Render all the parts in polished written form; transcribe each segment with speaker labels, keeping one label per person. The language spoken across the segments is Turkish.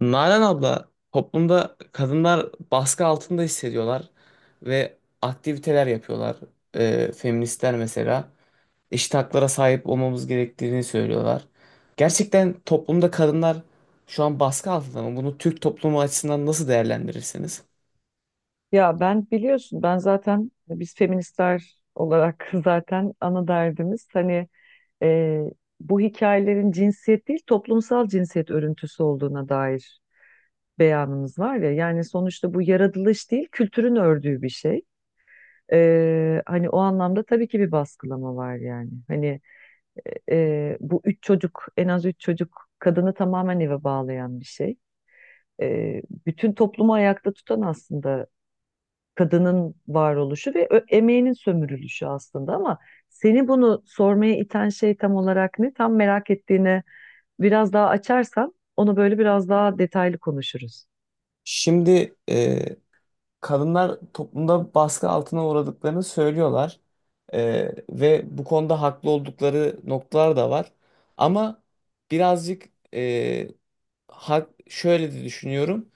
Speaker 1: Nalan abla, toplumda kadınlar baskı altında hissediyorlar ve aktiviteler yapıyorlar. Feministler mesela eşit haklara sahip olmamız gerektiğini söylüyorlar. Gerçekten toplumda kadınlar şu an baskı altında mı? Bunu Türk toplumu açısından nasıl değerlendirirsiniz?
Speaker 2: Ya ben biliyorsun, ben zaten biz feministler olarak zaten ana derdimiz hani e, bu hikayelerin cinsiyet değil toplumsal cinsiyet örüntüsü olduğuna dair beyanımız var ya. Yani sonuçta bu yaratılış değil, kültürün ördüğü bir şey. Hani o anlamda tabii ki bir baskılama var yani. Hani bu üç çocuk, en az üç çocuk kadını tamamen eve bağlayan bir şey. Bütün toplumu ayakta tutan aslında kadının varoluşu ve emeğinin sömürülüşü aslında. Ama seni bunu sormaya iten şey tam olarak ne? Tam merak ettiğine biraz daha açarsan onu böyle biraz daha detaylı konuşuruz.
Speaker 1: Şimdi kadınlar toplumda baskı altına uğradıklarını söylüyorlar. Ve bu konuda haklı oldukları noktalar da var. Ama birazcık hak, şöyle de düşünüyorum.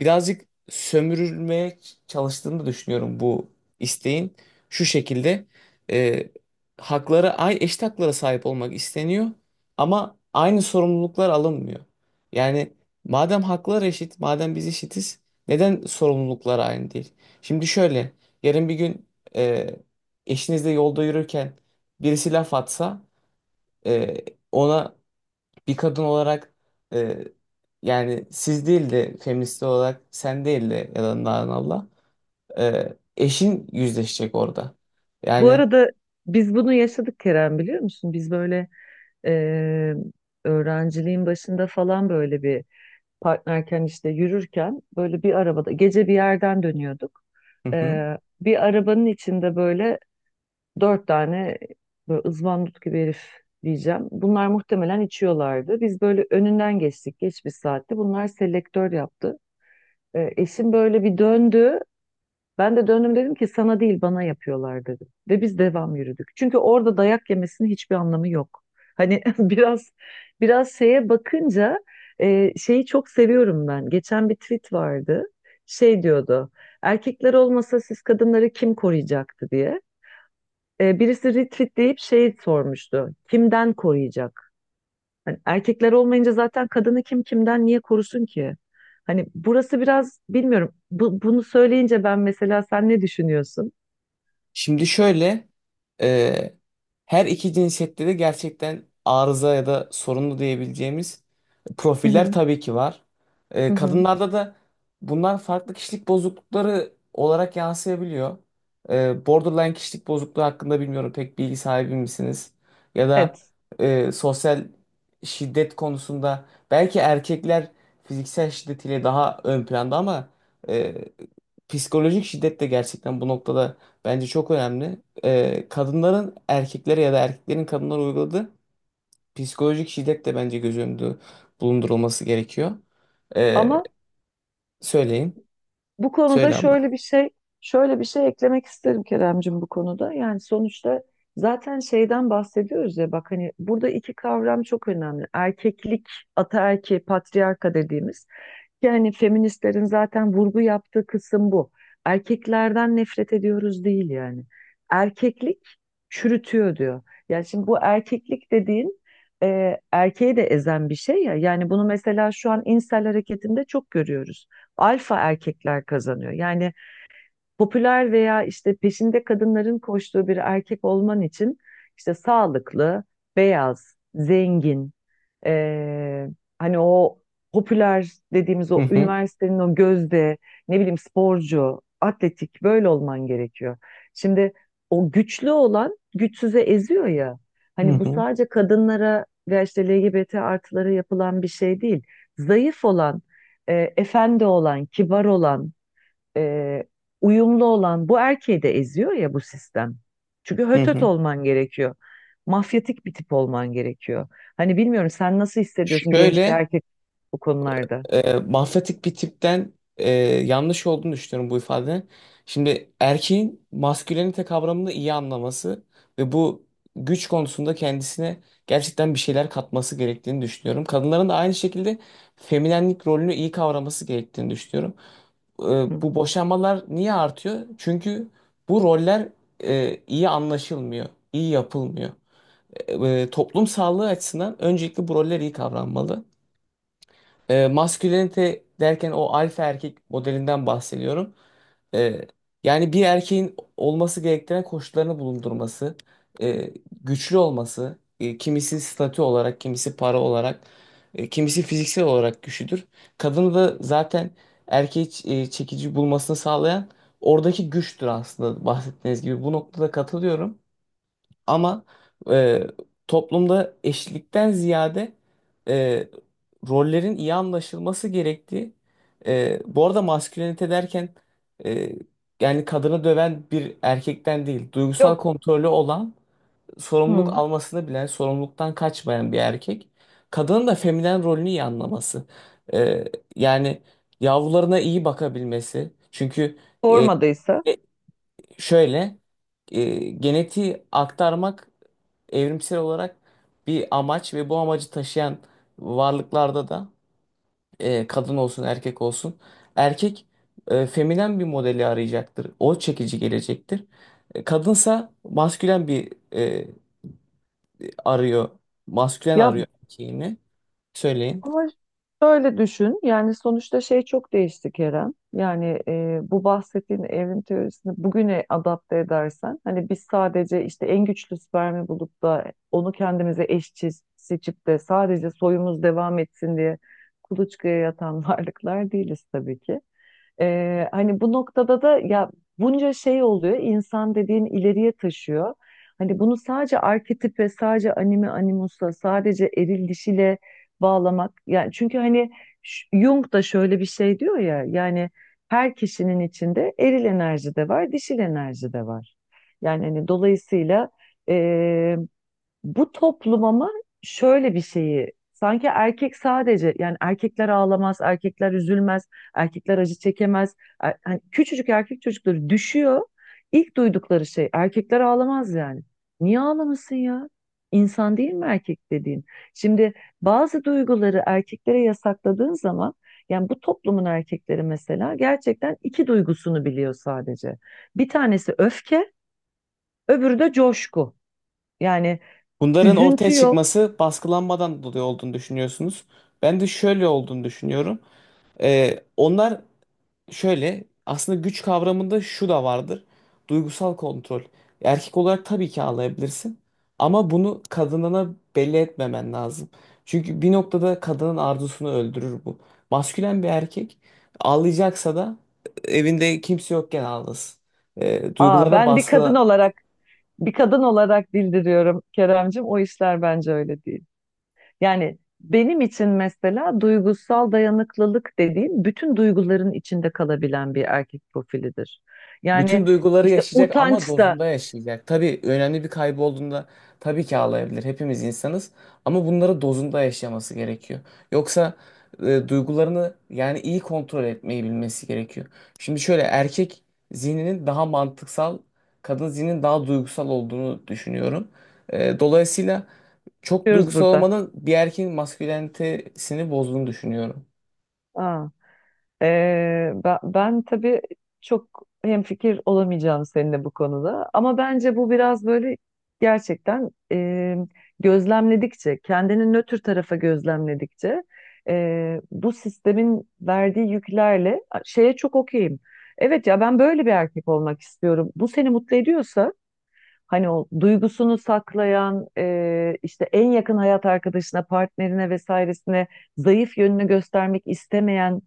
Speaker 1: Birazcık sömürülmeye çalıştığını da düşünüyorum bu isteğin. Şu şekilde e, haklara, ay eşit haklara sahip olmak isteniyor ama aynı sorumluluklar alınmıyor. Yani madem haklar eşit, madem biz eşitiz neden sorumluluklar aynı değil? Şimdi şöyle, yarın bir gün e, eşinizle yolda yürürken birisi laf atsa e, ona bir kadın olarak e, yani siz değil de feminist olarak sen değil de ya da Allah, eşin yüzleşecek orada.
Speaker 2: Bu
Speaker 1: Yani,
Speaker 2: arada biz bunu yaşadık Kerem, biliyor musun? Biz böyle, e, öğrenciliğin başında falan böyle bir partnerken, işte yürürken, böyle bir arabada gece bir yerden dönüyorduk.
Speaker 1: hı
Speaker 2: E,
Speaker 1: hı.
Speaker 2: Bir arabanın içinde böyle dört tane böyle ızvandut gibi herif diyeceğim. Bunlar muhtemelen içiyorlardı. Biz böyle önünden geçtik geç bir saatte. Bunlar selektör yaptı. Eşim böyle bir döndü. Ben de döndüm, dedim ki sana değil, bana yapıyorlar dedim. Ve biz devam yürüdük. Çünkü orada dayak yemesinin hiçbir anlamı yok. Hani biraz şeye bakınca, şeyi çok seviyorum ben. Geçen bir tweet vardı. Şey diyordu. Erkekler olmasa siz kadınları kim koruyacaktı diye. Birisi retweet şey sormuştu. Kimden koruyacak? Hani erkekler olmayınca zaten kadını kim, kimden, niye korusun ki? Hani burası biraz bilmiyorum. Bunu söyleyince ben, mesela sen ne düşünüyorsun?
Speaker 1: Şimdi şöyle e, her iki cinsiyette de gerçekten arıza ya da sorunlu diyebileceğimiz
Speaker 2: Hı
Speaker 1: profiller
Speaker 2: hı,
Speaker 1: tabii ki var. E,
Speaker 2: hı hı.
Speaker 1: kadınlarda da bunlar farklı kişilik bozuklukları olarak yansıyabiliyor. Borderline kişilik bozukluğu hakkında bilmiyorum pek bilgi sahibi misiniz? Ya da
Speaker 2: Evet.
Speaker 1: sosyal şiddet konusunda belki erkekler fiziksel şiddetiyle daha ön planda ama e, psikolojik şiddet de gerçekten bu noktada bence çok önemli. Kadınların erkeklere ya da erkeklerin kadınlara uyguladığı psikolojik şiddet de bence göz önünde bulundurulması gerekiyor. Ee,
Speaker 2: Ama
Speaker 1: söyleyin.
Speaker 2: bu konuda
Speaker 1: Söyle abla.
Speaker 2: şöyle bir şey, şöyle bir şey eklemek isterim Keremcim bu konuda. Yani sonuçta zaten şeyden bahsediyoruz ya, bak hani burada iki kavram çok önemli. Erkeklik, ataerki, patriarka dediğimiz. Yani feministlerin zaten vurgu yaptığı kısım bu. Erkeklerden nefret ediyoruz değil yani. Erkeklik çürütüyor diyor. Yani şimdi bu erkeklik dediğin erkeği de ezen bir şey ya. Yani bunu mesela şu an insel hareketinde çok görüyoruz. Alfa erkekler kazanıyor. Yani popüler veya işte peşinde kadınların koştuğu bir erkek olman için işte sağlıklı, beyaz, zengin, ee, hani o popüler dediğimiz
Speaker 1: Hı
Speaker 2: o
Speaker 1: hı.
Speaker 2: üniversitenin o gözde, ne bileyim, sporcu, atletik böyle olman gerekiyor. Şimdi o güçlü olan güçsüze eziyor ya.
Speaker 1: Hı
Speaker 2: Hani bu
Speaker 1: hı.
Speaker 2: sadece kadınlara veya işte LGBT artılara yapılan bir şey değil. Zayıf olan, efendi olan, kibar olan, e, uyumlu olan bu erkeği de eziyor ya bu sistem. Çünkü
Speaker 1: Hı
Speaker 2: hötöt
Speaker 1: hı.
Speaker 2: olman gerekiyor. Mafyatik bir tip olman gerekiyor. Hani bilmiyorum, sen nasıl hissediyorsun genç bir
Speaker 1: Şöyle
Speaker 2: erkek bu konularda?
Speaker 1: mafyatik bir tipten yanlış olduğunu düşünüyorum bu ifadenin. Şimdi erkeğin maskülenite kavramını iyi anlaması ve bu güç konusunda kendisine gerçekten bir şeyler katması gerektiğini düşünüyorum. Kadınların da aynı şekilde feminenlik rolünü iyi kavraması gerektiğini düşünüyorum. E,
Speaker 2: Hı.
Speaker 1: bu boşanmalar niye artıyor? Çünkü bu roller iyi anlaşılmıyor, iyi yapılmıyor. Toplum sağlığı açısından öncelikle bu roller iyi kavranmalı. E, maskülenite derken o alfa erkek modelinden bahsediyorum. E, yani bir erkeğin olması gerektiren koşullarını bulundurması, e, güçlü olması, kimisi statü olarak, kimisi para olarak, kimisi fiziksel olarak güçlüdür. Kadını da zaten erkeği çekici bulmasını sağlayan oradaki güçtür aslında bahsettiğiniz gibi. Bu noktada katılıyorum. Ama e, toplumda eşitlikten ziyade e, rollerin iyi anlaşılması gerektiği. E, bu arada maskülenite derken e, yani kadını döven bir erkekten değil, duygusal
Speaker 2: Yok.
Speaker 1: kontrolü olan, sorumluluk
Speaker 2: Hı.
Speaker 1: almasını bilen, sorumluluktan kaçmayan bir erkek. Kadının da feminen rolünü iyi anlaması. E, yani yavrularına iyi bakabilmesi. Çünkü e,
Speaker 2: Sormadıysa.
Speaker 1: şöyle e, genetiği aktarmak evrimsel olarak bir amaç ve bu amacı taşıyan varlıklarda da kadın olsun erkek olsun erkek feminen bir modeli arayacaktır. O çekici gelecektir. E, kadınsa maskülen bir arıyor. Maskülen
Speaker 2: Ya.
Speaker 1: arıyor erkeğini. Söyleyin.
Speaker 2: Ama şöyle düşün, yani sonuçta şey çok değişti Kerem. Yani bu bahsettiğin evrim teorisini bugüne adapte edersen, hani biz sadece işte en güçlü spermi bulup da onu kendimize eşçi seçip de sadece soyumuz devam etsin diye kuluçkaya yatan varlıklar değiliz tabii ki. Hani bu noktada da ya bunca şey oluyor. İnsan dediğin ileriye taşıyor. Hani bunu sadece arketip ve sadece anime animusla, sadece eril dişiyle bağlamak. Yani çünkü hani Jung da şöyle bir şey diyor ya. Yani her kişinin içinde eril enerji de var, dişil enerji de var. Yani hani dolayısıyla bu toplum, ama şöyle bir şeyi sanki erkek sadece, yani erkekler ağlamaz, erkekler üzülmez, erkekler acı çekemez. Hani küçücük erkek çocukları düşüyor. İlk duydukları şey erkekler ağlamaz yani. Niye ağlamasın ya? İnsan değil mi erkek dediğin? Şimdi bazı duyguları erkeklere yasakladığın zaman, yani bu toplumun erkekleri mesela gerçekten iki duygusunu biliyor sadece. Bir tanesi öfke, öbürü de coşku. Yani
Speaker 1: Bunların ortaya
Speaker 2: üzüntü yok.
Speaker 1: çıkması baskılanmadan dolayı olduğunu düşünüyorsunuz. Ben de şöyle olduğunu düşünüyorum. Onlar şöyle aslında güç kavramında şu da vardır. Duygusal kontrol. Erkek olarak tabii ki ağlayabilirsin ama bunu kadınına belli etmemen lazım. Çünkü bir noktada kadının arzusunu öldürür bu. Maskülen bir erkek ağlayacaksa da evinde kimse yokken ağlasın. E,
Speaker 2: Aa,
Speaker 1: duygularına
Speaker 2: ben bir kadın
Speaker 1: baskı
Speaker 2: olarak, bir kadın olarak bildiriyorum Keremcim. O işler bence öyle değil. Yani benim için mesela duygusal dayanıklılık dediğim bütün duyguların içinde kalabilen bir erkek profilidir. Yani
Speaker 1: bütün duyguları
Speaker 2: işte
Speaker 1: yaşayacak ama
Speaker 2: utanç da
Speaker 1: dozunda yaşayacak. Tabii önemli bir kaybı olduğunda tabii ki ağlayabilir. Hepimiz insanız ama bunları dozunda yaşaması gerekiyor. Yoksa duygularını yani iyi kontrol etmeyi bilmesi gerekiyor. Şimdi şöyle erkek zihninin daha mantıksal, kadın zihninin daha duygusal olduğunu düşünüyorum. Dolayısıyla çok
Speaker 2: diyoruz
Speaker 1: duygusal
Speaker 2: burada.
Speaker 1: olmanın bir erkeğin maskülenitesini bozduğunu düşünüyorum.
Speaker 2: Aa. Ben tabii çok hemfikir olamayacağım seninle bu konuda. Ama bence bu biraz böyle gerçekten, gözlemledikçe, kendini nötr tarafa gözlemledikçe, bu sistemin verdiği yüklerle şeye çok okeyim. Evet ya, ben böyle bir erkek olmak istiyorum. Bu seni mutlu ediyorsa, hani o duygusunu saklayan, işte en yakın hayat arkadaşına, partnerine vesairesine zayıf yönünü göstermek istemeyen,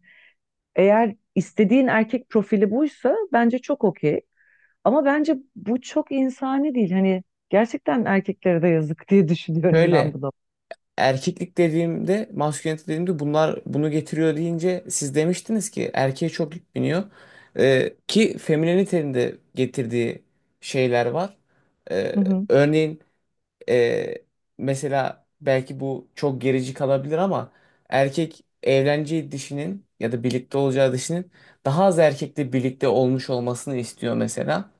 Speaker 2: eğer istediğin erkek profili buysa bence çok okey. Ama bence bu çok insani değil. Hani gerçekten erkeklere de yazık diye düşünüyorum
Speaker 1: Şöyle
Speaker 2: ben bunu.
Speaker 1: erkeklik dediğimde, maskülenite dediğimde bunlar bunu getiriyor deyince siz demiştiniz ki erkeğe çok yük biniyor. Ki feminenitenin de getirdiği şeyler var. Ee,
Speaker 2: Hı hı.
Speaker 1: örneğin e, mesela belki bu çok gerici kalabilir ama erkek evleneceği dişinin ya da birlikte olacağı dişinin daha az erkekle birlikte olmuş olmasını istiyor mesela.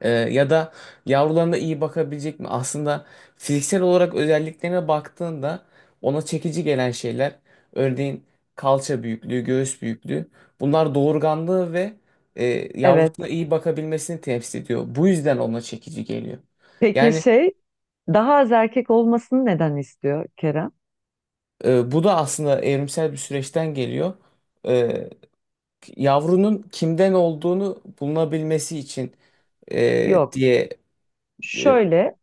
Speaker 1: Ya da yavrularına iyi bakabilecek mi? Aslında fiziksel olarak özelliklerine baktığında ona çekici gelen şeyler, örneğin kalça büyüklüğü, göğüs büyüklüğü, bunlar doğurganlığı ve e, yavrusuna
Speaker 2: Evet.
Speaker 1: iyi bakabilmesini temsil ediyor. Bu yüzden ona çekici geliyor.
Speaker 2: Peki
Speaker 1: Yani
Speaker 2: şey, daha az erkek olmasını neden istiyor Kerem?
Speaker 1: bu da aslında evrimsel bir süreçten geliyor. E, yavrunun kimden olduğunu bulunabilmesi için
Speaker 2: Yok.
Speaker 1: diye e,
Speaker 2: Şöyle,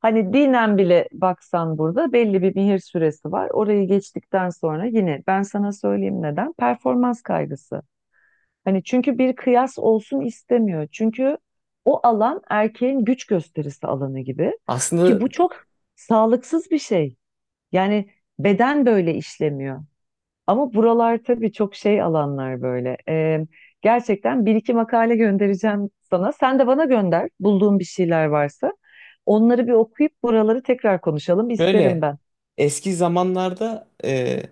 Speaker 2: hani dinen bile baksan burada belli bir mihir süresi var. Orayı geçtikten sonra yine ben sana söyleyeyim neden? Performans kaygısı. Hani çünkü bir kıyas olsun istemiyor. Çünkü o alan erkeğin güç gösterisi alanı gibi, ki
Speaker 1: aslında
Speaker 2: bu çok sağlıksız bir şey. Yani beden böyle işlemiyor. Ama buralar tabii çok şey alanlar böyle. Gerçekten bir iki makale göndereceğim sana. Sen de bana gönder bulduğun bir şeyler varsa. Onları bir okuyup buraları tekrar konuşalım isterim
Speaker 1: böyle.
Speaker 2: ben.
Speaker 1: Eski zamanlarda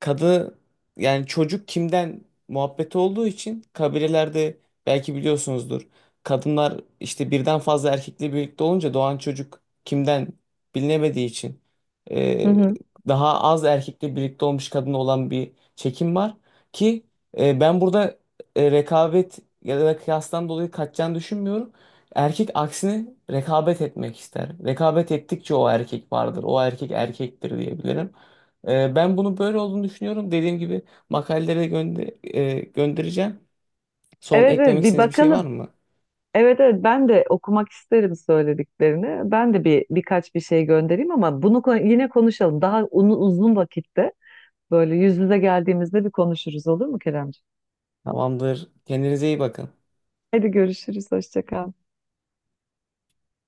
Speaker 1: kadı yani çocuk kimden muhabbeti olduğu için kabilelerde belki biliyorsunuzdur. Kadınlar işte birden fazla erkekle birlikte olunca doğan çocuk kimden bilinemediği için
Speaker 2: Hı
Speaker 1: e,
Speaker 2: hı.
Speaker 1: daha az erkekle birlikte olmuş kadın olan bir çekim var ki ben burada rekabet ya da kıyastan dolayı kaçacağını düşünmüyorum. Erkek aksine rekabet etmek ister. Rekabet ettikçe o erkek vardır. O erkek erkektir diyebilirim. Ben bunu böyle olduğunu düşünüyorum. Dediğim gibi makaleleri göndereceğim. Son
Speaker 2: Evet evet,
Speaker 1: eklemek
Speaker 2: bir
Speaker 1: istediğiniz bir şey var
Speaker 2: bakalım.
Speaker 1: mı?
Speaker 2: Evet evet, ben de okumak isterim söylediklerini. Ben de birkaç bir şey göndereyim, ama bunu yine konuşalım. Daha uzun vakitte böyle yüz yüze geldiğimizde bir konuşuruz olur mu Keremciğim?
Speaker 1: Tamamdır. Kendinize iyi bakın.
Speaker 2: Hadi görüşürüz. Hoşça kal.